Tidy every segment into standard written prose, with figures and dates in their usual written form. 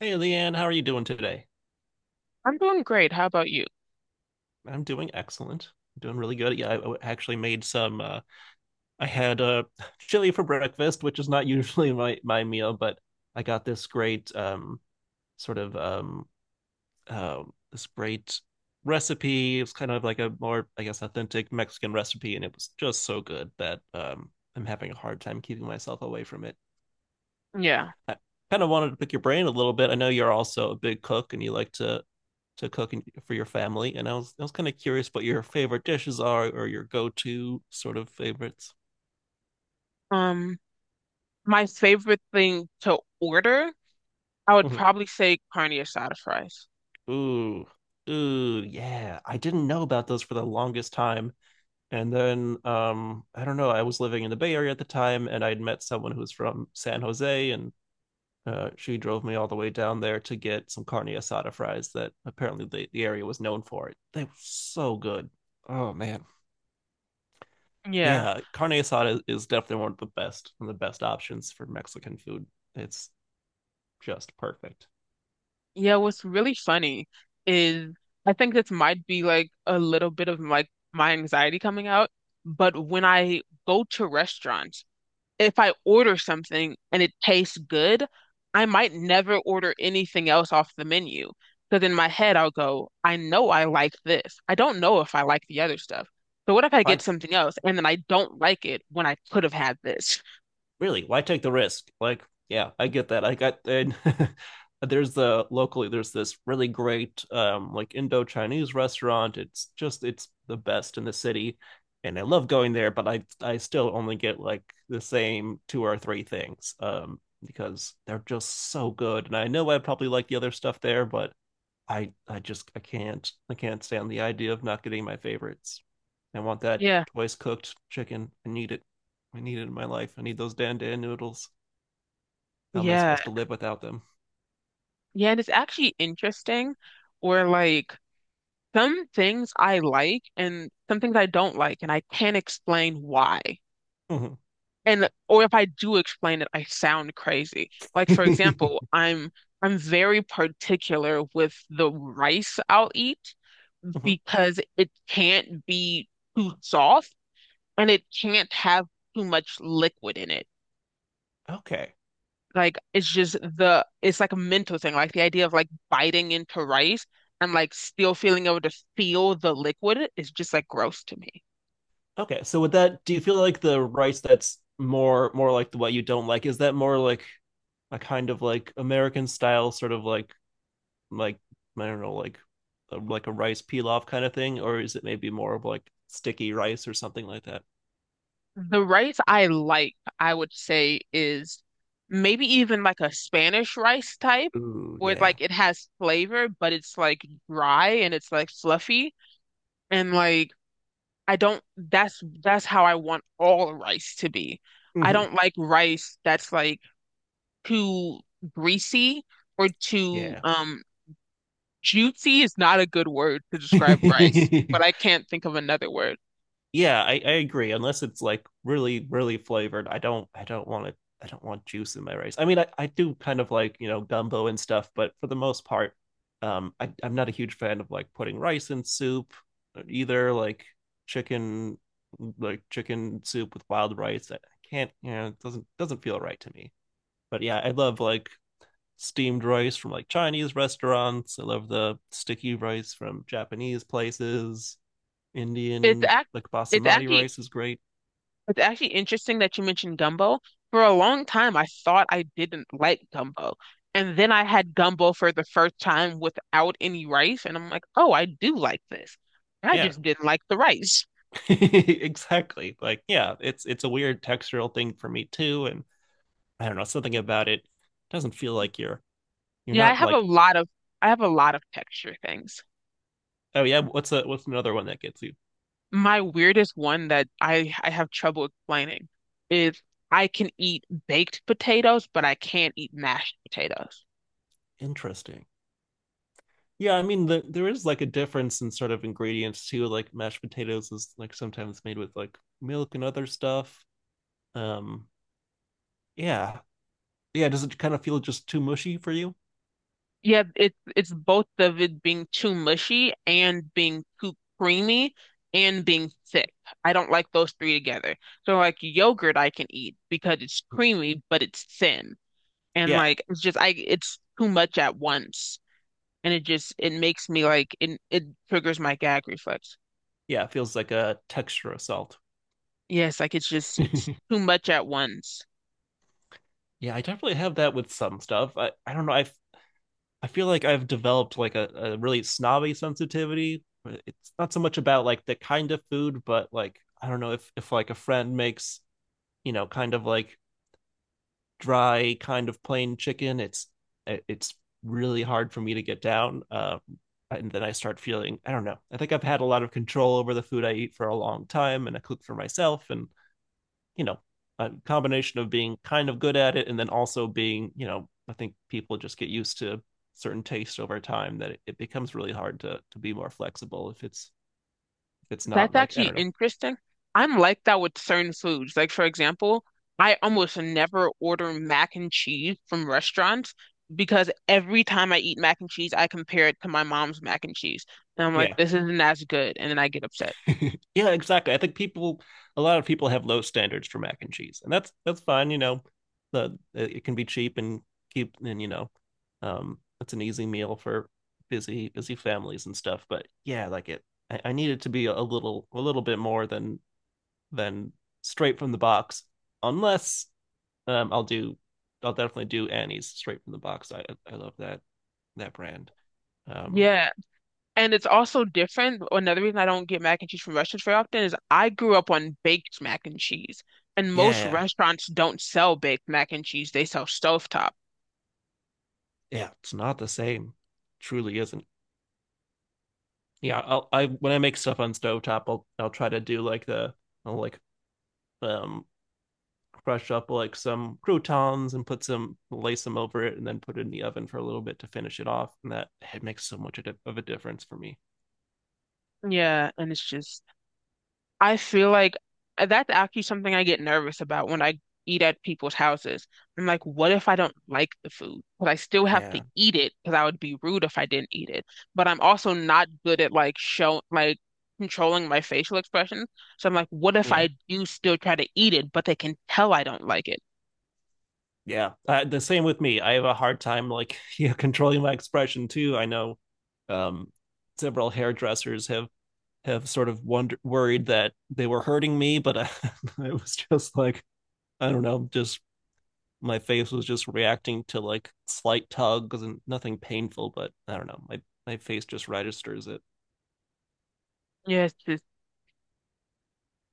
Hey, Leanne, how are you doing today? I'm doing great. How about you? I'm doing excellent. I'm doing really good. Yeah, actually made some. I had chili for breakfast, which is not usually my meal, but I got this great sort of uh, this great recipe. It was kind of like a more, I guess, authentic Mexican recipe, and it was just so good that I'm having a hard time keeping myself away from it. Yeah. I kind of wanted to pick your brain a little bit. I know you're also a big cook, and you like to cook for your family, and I was kind of curious what your favorite dishes are or your go-to sort of favorites. Um, my favorite thing to order, I would Mhm. probably say carne asada fries. Ooh, ooh, yeah. I didn't know about those for the longest time, and then I don't know. I was living in the Bay Area at the time, and I'd met someone who was from San Jose, and she drove me all the way down there to get some carne asada fries that apparently the area was known for. It They were so good. Oh man. Yeah. Yeah, carne asada is definitely one of the best, one of the best options for Mexican food. It's just perfect. Yeah, what's really funny is I think this might be like a little bit of like my anxiety coming out, but when I go to restaurants, if I order something and it tastes good, I might never order anything else off the menu. Because in my head, I'll go, I know I like this. I don't know if I like the other stuff. So what if I Why, get something else and then I don't like it when I could have had this? really? Why take the risk? Like, yeah, I get that. I got and there's the locally there's this really great like Indo Chinese restaurant. It's the best in the city, and I love going there. But I still only get like the same two or three things because they're just so good. And I know I probably like the other stuff there, but I just I can't stand the idea of not getting my favorites. I want that Yeah. twice cooked chicken. I need it. I need it in my life. I need those dandan noodles. How am I Yeah. supposed to live without them? Yeah. And it's actually interesting where like some things I like and some things I don't like, and I can't explain why. Mhm. And or if I do explain it, I sound crazy. Like for example, Mhm. I'm very particular with the rice I'll eat because it can't be too soft and it can't have too much liquid in it. Okay. Like it's just the it's like a mental thing. Like the idea of like biting into rice and like still feeling able to feel the liquid is just like gross to me. Okay. So with that, do you feel like the rice that's more like the what you don't like is that more like a kind of like American style sort of like I don't know like like a rice pilaf kind of thing, or is it maybe more of like sticky rice or something like that? The rice I like, I would say, is maybe even like a Spanish rice type, Ooh, where yeah. like it has flavor, but it's like dry and it's like fluffy. And like I don't that's how I want all rice to be. I Mhm. don't like rice that's like too greasy or too Yeah. Juicy is not a good word to describe rice, but I can't think of another word. Yeah, I agree. Unless it's like really, really flavored, I don't want it. I don't want juice in my rice. I mean, I do kind of like, gumbo and stuff, but for the most part, I'm not a huge fan of like putting rice in soup either, chicken like chicken soup with wild rice. I can't, it doesn't feel right to me. But yeah, I love like steamed rice from like Chinese restaurants. I love the sticky rice from Japanese places. It's Indian act like it's basmati actually rice is great. it's actually interesting that you mentioned gumbo. For a long time, I thought I didn't like gumbo. And then I had gumbo for the first time without any rice. And I'm like, oh, I do like this. I Yeah, just didn't like the rice. exactly. Like, yeah, it's a weird textural thing for me too, and I don't know, something about it doesn't feel like you're Yeah, I not have a like lot of I have a lot of texture things. oh yeah what's another one that gets you My weirdest one that I have trouble explaining is I can eat baked potatoes, but I can't eat mashed potatoes. interesting. Yeah, I mean there is like a difference in sort of ingredients too. Like mashed potatoes is like sometimes made with like milk and other stuff. Um, yeah, yeah. Does it kind of feel just too mushy for you? Yeah, it it's both of it being too mushy and being too creamy and being thick. I don't like those three together. So like yogurt I can eat because it's Mm, creamy but it's thin. And yeah, like it's just I it's too much at once. And it just it makes me like it triggers my gag reflex. yeah. It feels like a texture assault. Yes, like it's just it's too much at once. Yeah, I definitely have that with some stuff. I don't know. I feel like I've developed like a really snobby sensitivity. It's not so much about like the kind of food, but like I don't know, if like a friend makes, kind of like dry kind of plain chicken, it's really hard for me to get down. And then I start feeling, I don't know. I think I've had a lot of control over the food I eat for a long time, and I cook for myself, and you know a combination of being kind of good at it, and then also being, you know, I think people just get used to certain taste over time, that it becomes really hard to be more flexible if it's not That's like I actually don't know. interesting. I'm like that with certain foods. Like, for example, I almost never order mac and cheese from restaurants because every time I eat mac and cheese, I compare it to my mom's mac and cheese. And I'm like, Yeah, this isn't as good. And then I get upset. yeah, exactly. I think people a lot of people have low standards for mac and cheese, and that's fine, you know, the it can be cheap and keep and, you know, it's an easy meal for busy families and stuff, but yeah, like it, I need it to be a little bit more than than straight from the box. Unless, um, I'll do, I'll definitely do Annie's straight from the box. I love that brand. Um, Yeah. And it's also different. Another reason I don't get mac and cheese from restaurants very often is I grew up on baked mac and cheese. And most yeah, restaurants don't sell baked mac and cheese, they sell stovetop. yeah, it's not the same. Truly isn't. Yeah, I when I make stuff on stovetop, I'll try to do like the I'll like um crush up like some croutons and put some lace them over it and then put it in the oven for a little bit to finish it off, and that it makes so much of a difference for me. Yeah. And it's just, I feel like that's actually something I get nervous about when I eat at people's houses. I'm like, what if I don't like the food? But I still have to Yeah, eat it because I would be rude if I didn't eat it. But I'm also not good at like show like controlling my facial expressions. So I'm like, what if yeah, I do still try to eat it, but they can tell I don't like it? yeah, the same with me. I have a hard time like yeah controlling my expression too. I know, um several hairdressers have sort of worried that they were hurting me, but I, it was just like, I don't know, just my face was just reacting to like slight tugs and nothing painful, but I don't know, my face just registers it. Yes,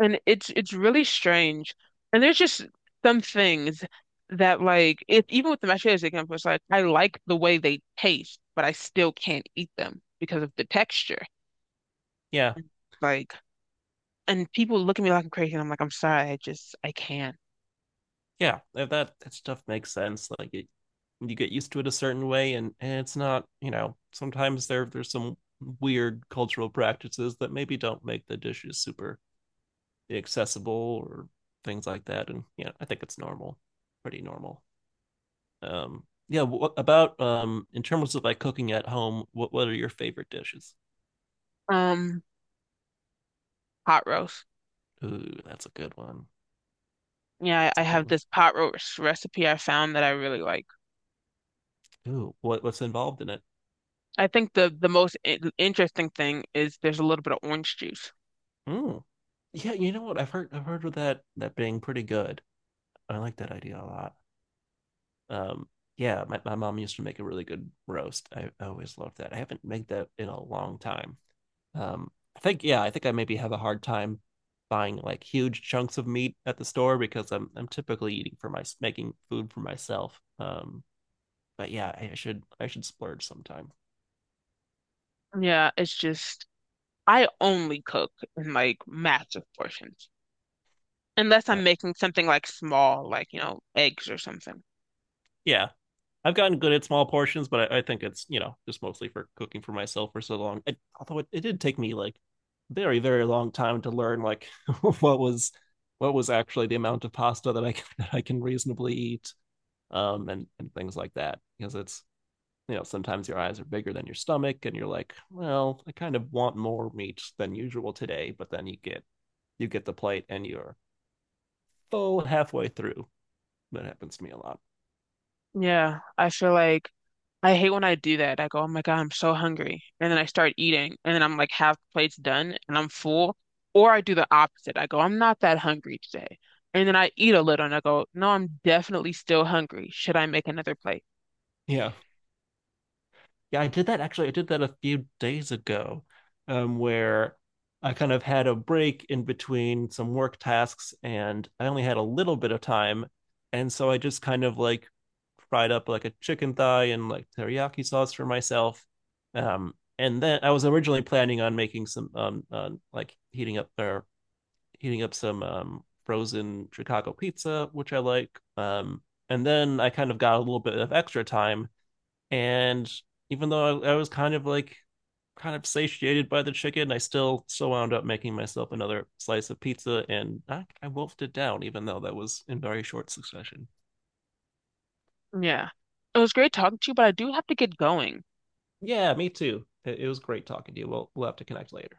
and it's really strange. And there's just some things that like if even with the mashed potatoes example, it's like I like the way they taste, but I still can't eat them because of the texture. Yeah, Like and people look at me like I'm crazy and I'm like, I'm sorry, I just I can't. yeah, if that stuff makes sense, like it, you get used to it a certain way, and it's not, you know, sometimes there's some weird cultural practices that maybe don't make the dishes super accessible or things like that, and yeah, I think it's normal, pretty normal. Yeah, what about in terms of like cooking at home, what are your favorite dishes? Um, Pot roast. Ooh, that's a good one. Yeah, I, That's I a good have one. this pot roast recipe I found that I really like. Ooh, what's involved in it? I think the most interesting thing is there's a little bit of orange juice. Mm. Yeah, you know what? I've heard of that being pretty good. I like that idea a lot. Um, yeah, my mom used to make a really good roast. I always loved that. I haven't made that in a long time. Um, I think yeah, I think I maybe have a hard time buying like huge chunks of meat at the store because I'm typically eating for my making food for myself. But yeah, I should splurge sometime. Yeah, it's just I only cook in like massive portions. Unless Uh, I'm making something like small, like, you know, eggs or something. yeah, I've gotten good at small portions, but I think it's, you know, just mostly for cooking for myself for so long. I, although it did take me like very very long time to learn like what was what was actually the amount of pasta that I that I can reasonably eat, and things like that, because it's, you know, sometimes your eyes are bigger than your stomach and you're like, well I kind of want more meat than usual today, but then you get the plate and you're full halfway through. That happens to me a lot. Yeah, I feel like I hate when I do that. I go, oh my God, I'm so hungry. And then I start eating, and then I'm like half plate's done and I'm full. Or I do the opposite. I go, I'm not that hungry today. And then I eat a little and I go, no, I'm definitely still hungry. Should I make another plate? Yeah, yeah, I did that actually. I did that a few days ago, where I kind of had a break in between some work tasks and I only had a little bit of time. And so I just kind of like fried up like a chicken thigh and like teriyaki sauce for myself. And then I was originally planning on making some like heating up some frozen Chicago pizza, which I like. And then I kind of got a little bit of extra time and even though I was kind of like kind of satiated by the chicken, I still wound up making myself another slice of pizza, and I wolfed it down, even though that was in very short succession. Yeah. It was great talking to you, but I do have to get going. Yeah, me too. It was great talking to you. We'll have to connect later.